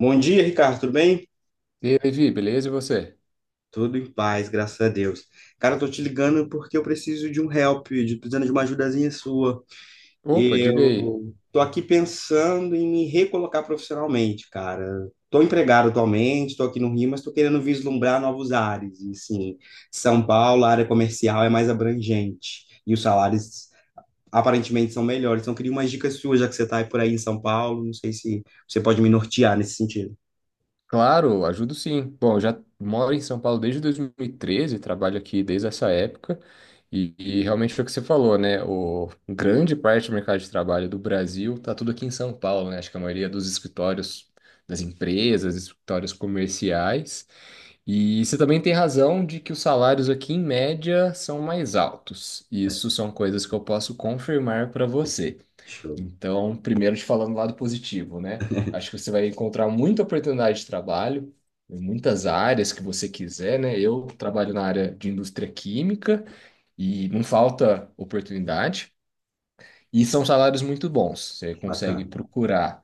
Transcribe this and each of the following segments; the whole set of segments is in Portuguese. Bom dia, Ricardo, tudo bem? E aí, Levi, beleza? E você? Tudo em paz, graças a Deus. Cara, eu tô te ligando porque eu preciso de um help, precisando de uma ajudazinha sua. Opa, diga aí. Eu tô aqui pensando em me recolocar profissionalmente, cara. Tô empregado atualmente, tô aqui no Rio, mas tô querendo vislumbrar novos ares. E sim, São Paulo, a área comercial é mais abrangente e os salários aparentemente são melhores. Então, eu queria umas dicas suas, já que você tá aí por aí em São Paulo, não sei se você pode me nortear nesse sentido. Claro, ajudo sim. Bom, eu já moro em São Paulo desde 2013, trabalho aqui desde essa época, e realmente foi o que você falou, né? O grande parte do mercado de trabalho do Brasil está tudo aqui em São Paulo, né? Acho que a maioria dos escritórios das empresas, escritórios comerciais. E você também tem razão de que os salários aqui, em média, são mais altos. Isso são coisas que eu posso confirmar para você. Show, Então, primeiro te falando do lado positivo, né? Acho que você vai encontrar muita oportunidade de trabalho em muitas áreas que você quiser, né? Eu trabalho na área de indústria química e não falta oportunidade e são salários muito bons, você consegue bacana. procurar.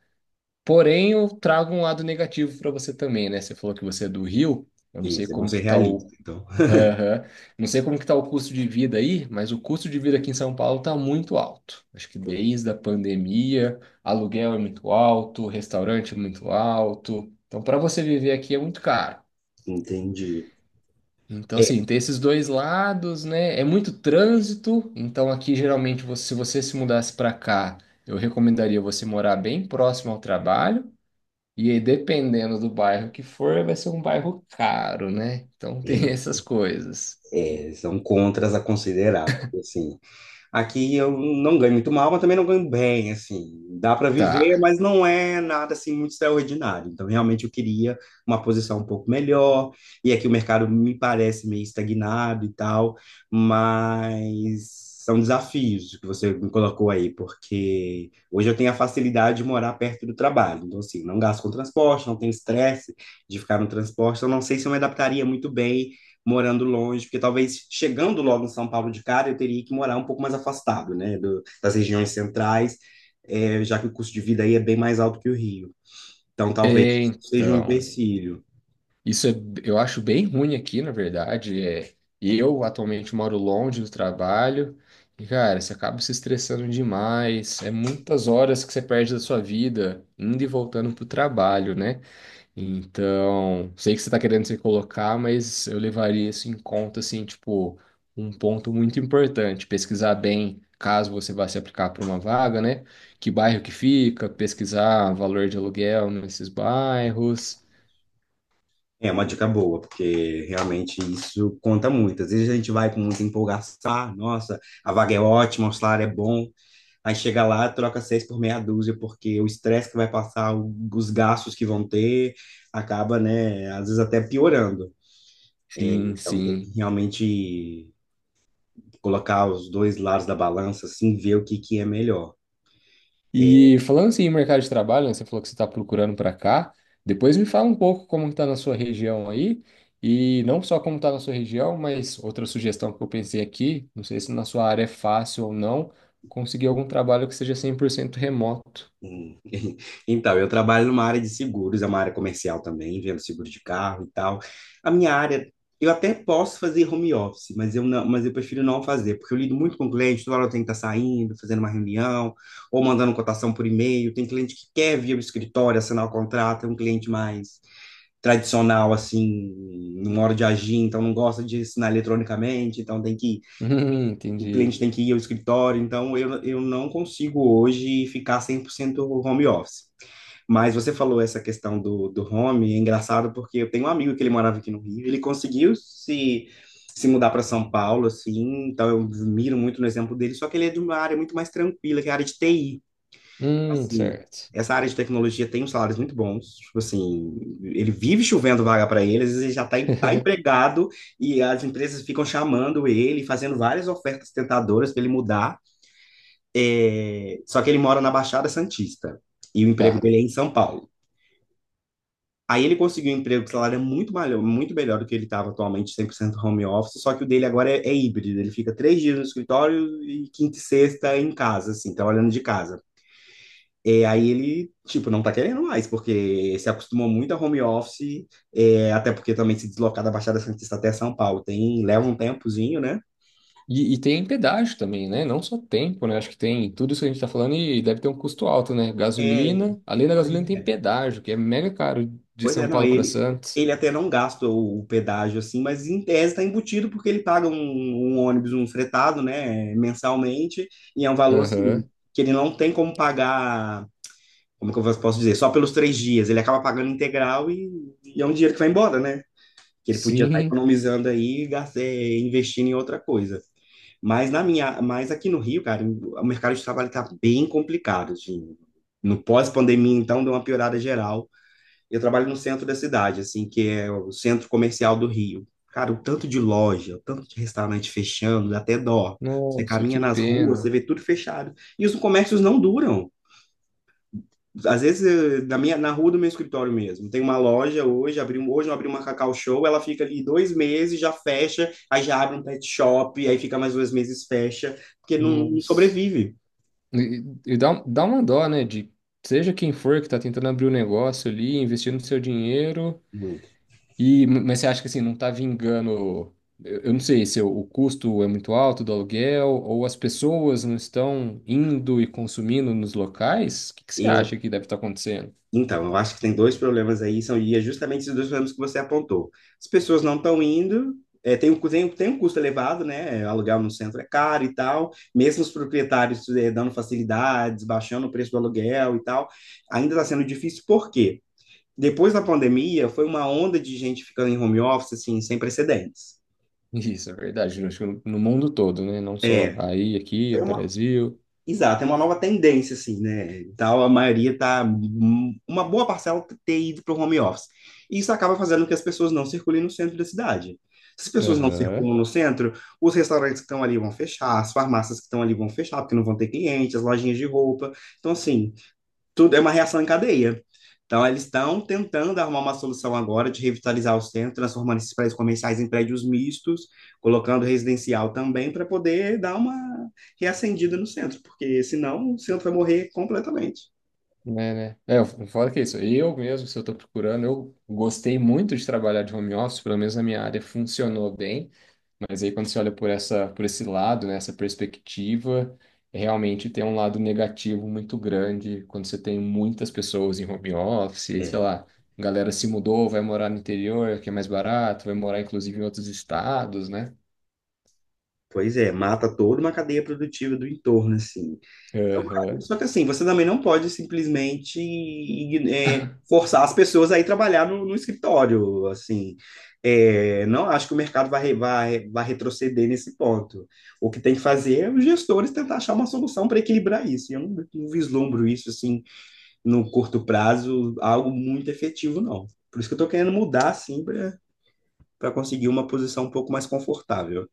Porém, eu trago um lado negativo para você também, né? Você falou que você é do Rio, eu não sei Isso, é bom como ser que tá realista. o Então, Aham. Não sei como que tá o custo de vida aí, mas o custo de vida aqui em São Paulo tá muito alto. Acho que desde a pandemia, aluguel é muito alto, restaurante é muito alto. Então, para você viver aqui é muito caro. entendi. Então, é, assim, tem esses dois lados, né? É muito trânsito. Então, aqui geralmente, se você se mudasse para cá, eu recomendaria você morar bem próximo ao trabalho. E aí, dependendo do bairro que for, vai ser um bairro caro, né? Então, tem é, essas coisas. São contras a considerar, porque assim, aqui eu não ganho muito mal, mas também não ganho bem, assim. Dá para viver, Tá. mas não é nada assim muito extraordinário. Então, realmente eu queria uma posição um pouco melhor. E aqui o mercado me parece meio estagnado e tal, mas são desafios que você me colocou aí, porque hoje eu tenho a facilidade de morar perto do trabalho. Então, assim, não gasto com transporte, não tenho estresse de ficar no transporte. Eu não sei se eu me adaptaria muito bem morando longe, porque talvez chegando logo em São Paulo de cara, eu teria que morar um pouco mais afastado, né, das regiões centrais, já que o custo de vida aí é bem mais alto que o Rio. Então, talvez seja um Então, empecilho. isso é, eu acho bem ruim aqui, na verdade. É, eu atualmente moro longe do trabalho e, cara, você acaba se estressando demais. É muitas horas que você perde da sua vida indo e voltando pro trabalho, né? Então, sei que você tá querendo se colocar, mas eu levaria isso em conta, assim, tipo, um ponto muito importante. Pesquisar bem, caso você vá se aplicar para uma vaga, né? Que bairro que fica, pesquisar valor de aluguel nesses bairros. É uma dica boa, porque realmente isso conta muito. Às vezes a gente vai com muita empolgação: "Ah, nossa, a vaga é ótima, o salário é bom, aí chega lá, troca seis por meia dúzia, porque o estresse que vai passar, os gastos que vão ter, acaba, né, às vezes até piorando." Sim, Então tem que sim. realmente colocar os dois lados da balança, assim, ver o que que é melhor. E falando assim em mercado de trabalho, né, você falou que você está procurando para cá. Depois me fala um pouco como está na sua região aí. E não só como está na sua região, mas outra sugestão que eu pensei aqui, não sei se na sua área é fácil ou não, conseguir algum trabalho que seja 100% remoto. Hum. Então, eu trabalho numa área de seguros, é uma área comercial também, vendo seguro de carro e tal. A minha área, eu até posso fazer home office, mas eu prefiro não fazer, porque eu lido muito com cliente, toda hora eu tenho que estar saindo, fazendo uma reunião, ou mandando cotação por e-mail. Tem cliente que quer vir ao escritório, assinar o contrato, é um cliente mais tradicional, assim, não hora de agir, então não gosta de assinar eletronicamente, então tem que o entendi. cliente tem que ir ao escritório, então eu não consigo hoje ficar 100% home office. Mas você falou essa questão do home, é engraçado porque eu tenho um amigo que ele morava aqui no Rio, ele conseguiu se mudar para São Paulo, assim, então eu miro muito no exemplo dele, só que ele é de uma área muito mais tranquila, que é a área de TI. Assim, Certo. essa área de tecnologia tem uns salários muito bons. Tipo assim, ele vive chovendo vaga para ele, às vezes ele já está tá empregado e as empresas ficam chamando ele, fazendo várias ofertas tentadoras para ele mudar. É, só que ele mora na Baixada Santista e o emprego Tá. dele é em São Paulo. Aí ele conseguiu um emprego que o salário é muito melhor do que ele estava atualmente, 100% home office, só que o dele agora é, é híbrido. Ele fica três dias no escritório e quinta e sexta em casa, assim, trabalhando de casa. É, aí ele, tipo, não tá querendo mais, porque se acostumou muito a home office, é, até porque também se deslocar da Baixada Santista até São Paulo tem, leva um tempozinho, né? E tem pedágio também, né? Não só tempo, né? Acho que tem tudo isso que a gente tá falando e deve ter um custo alto, né? É, Gasolina, além da pois gasolina tem é, pedágio, que é mega caro de pois é, São não, Paulo para ele, Santos. ele até não gasta o pedágio, assim, mas em tese tá embutido porque ele paga um ônibus, um fretado, né, mensalmente, e é um valor, assim, Aham. que ele não tem como pagar, como é que eu posso dizer, só pelos três dias, ele acaba pagando integral, e é um dinheiro que vai embora, né? Que ele podia estar Sim. economizando aí, e investindo em outra coisa. Mas aqui no Rio, cara, o mercado de trabalho está bem complicado, assim. No pós-pandemia, então, deu uma piorada geral. Eu trabalho no centro da cidade, assim, que é o centro comercial do Rio. Cara, o tanto de loja, o tanto de restaurante fechando, dá até dó. Você Nossa, caminha que nas ruas, você pena. vê tudo fechado. E os comércios não duram. Às vezes, na rua do meu escritório mesmo, tem uma loja hoje, hoje eu abri uma Cacau Show, ela fica ali dois meses, já fecha, aí já abre um pet shop, aí fica mais dois meses, fecha, porque não Nossa. sobrevive E dá, dá uma dó, né? De seja quem for que tá tentando abrir o negócio ali, investindo seu dinheiro. muito. E, mas você acha que assim, não está vingando? Eu não sei se o custo é muito alto do aluguel ou as pessoas não estão indo e consumindo nos locais? O que que você acha Eu, que deve estar acontecendo? então, eu acho que tem dois problemas aí, são, e é justamente esses dois problemas que você apontou. As pessoas não estão indo, é, tem, um cu- tem um custo elevado, né? Alugar no centro é caro e tal, mesmo os proprietários, é, dando facilidades, baixando o preço do aluguel e tal, ainda está sendo difícil, porque depois da pandemia, foi uma onda de gente ficando em home office, assim, sem precedentes. Isso, é verdade. Eu Acho que no mundo todo, né? Não só É, aí, aqui, foi no uma, Brasil. Exato, é uma nova tendência, assim, né? Então, uma boa parcela tá ter ido para o home office. E isso acaba fazendo com que as pessoas não circulem no centro da cidade. Se as pessoas não Aham. circulam no centro, os restaurantes que estão ali vão fechar, as farmácias que estão ali vão fechar, porque não vão ter clientes, as lojinhas de roupa. Então, assim, tudo é uma reação em cadeia. Então, eles estão tentando arrumar uma solução agora de revitalizar o centro, transformando esses prédios comerciais em prédios mistos, colocando residencial também, para poder dar uma reacendida no centro, porque senão o centro vai morrer completamente. Né, né? É, eu que é isso. Eu mesmo, se eu estou procurando, eu gostei muito de trabalhar de home office, pelo menos na minha área funcionou bem, mas aí quando você olha por essa, por esse lado, né, essa perspectiva, é realmente tem um lado negativo muito grande quando você tem muitas pessoas em home office, sei É, lá, galera se mudou, vai morar no interior, que é mais barato, vai morar inclusive em outros estados, né? pois é, mata toda uma cadeia produtiva do entorno, assim. São rápidos. Aham. Só que assim, você também não pode simplesmente forçar as pessoas a ir trabalhar no escritório, assim. É, não acho que o mercado vai retroceder nesse ponto. O que tem que fazer é os gestores tentar achar uma solução para equilibrar isso. E eu não vislumbro isso, assim, no curto prazo, algo muito efetivo, não. Por isso que eu estou querendo mudar, assim, para conseguir uma posição um pouco mais confortável.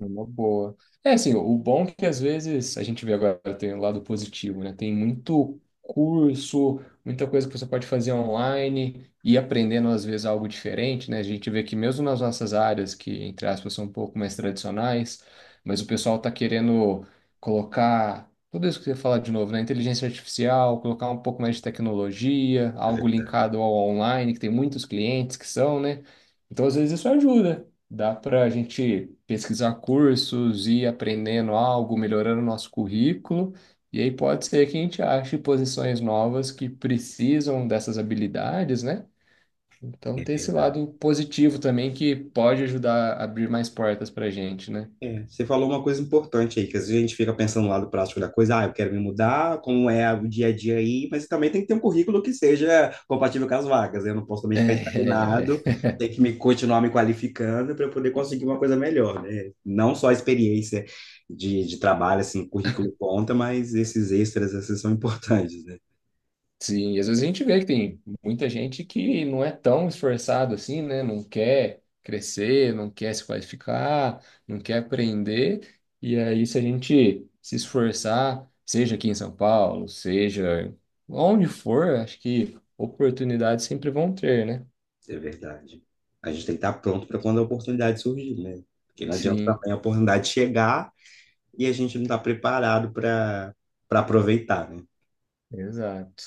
É uma boa. É assim, o bom é que às vezes a gente vê agora tem o lado positivo, né? Tem muito curso, muita coisa que você pode fazer online e aprendendo às vezes algo diferente, né? A gente vê que mesmo nas nossas áreas, que entre aspas são um pouco mais tradicionais, mas o pessoal tá querendo colocar tudo isso que você fala de novo, né? Inteligência artificial, colocar um pouco mais de tecnologia, É algo verdade, linkado ao online, que tem muitos clientes que são, né? Então às vezes isso ajuda. Dá para a gente pesquisar cursos, ir aprendendo algo, melhorando o nosso currículo, e aí pode ser que a gente ache posições novas que precisam dessas habilidades, né? Então é tem esse verdade. lado positivo também que pode ajudar a abrir mais portas para a gente, né? É, você falou uma coisa importante aí, que às vezes a gente fica pensando no lado prático da coisa, ah, eu quero me mudar, como é o dia a dia aí, mas também tem que ter um currículo que seja compatível com as vagas, né? Eu não posso também ficar É, estagnado, tem que me continuar me qualificando para eu poder conseguir uma coisa melhor, né? Não só a experiência de trabalho, assim, currículo conta, mas esses extras, assim, são importantes, né? Sim, e às vezes a gente vê que tem muita gente que não é tão esforçado assim, né? Não quer crescer, não quer se qualificar, não quer aprender. E aí, se a gente se esforçar, seja aqui em São Paulo, seja onde for, acho que oportunidades sempre vão ter, né? É verdade. A gente tem que estar pronto para quando a oportunidade surgir, né? Porque não adianta Sim, também a oportunidade chegar e a gente não está preparado para aproveitar, né? exato.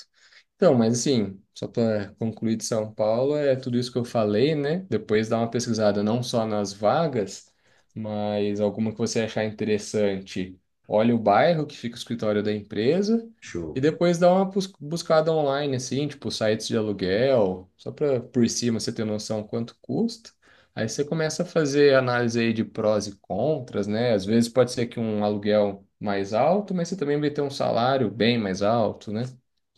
Então, mas assim, só para concluir de São Paulo, é tudo isso que eu falei, né? Depois dá uma pesquisada não só nas vagas, mas alguma que você achar interessante. Olha o bairro que fica o escritório da empresa e Show. depois dá uma buscada online, assim, tipo sites de aluguel, só para por cima você ter noção quanto custa. Aí você começa a fazer análise aí de prós e contras, né? Às vezes pode ser que um aluguel mais alto, mas você também vai ter um salário bem mais alto, né?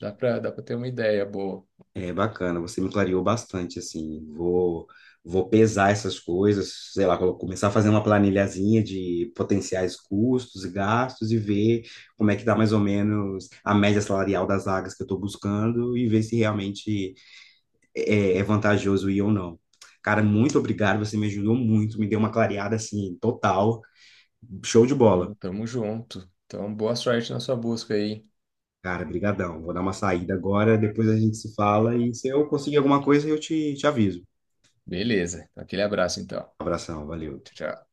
Dá pra ter uma ideia boa. É bacana, você me clareou bastante, assim. Vou pesar essas coisas, sei lá, vou começar a fazer uma planilhazinha de potenciais custos e gastos e ver como é que dá mais ou menos a média salarial das vagas que eu estou buscando e ver se realmente é, é vantajoso ir ou não. Cara, muito obrigado, você me ajudou muito, me deu uma clareada assim, total. Show de bola. Não, tamo junto. Então, boa sorte na sua busca aí. Cara, brigadão. Vou dar uma saída agora, depois a gente se fala e se eu conseguir alguma coisa eu te aviso. Beleza. Aquele abraço, então. Abração, valeu. Tchau, tchau.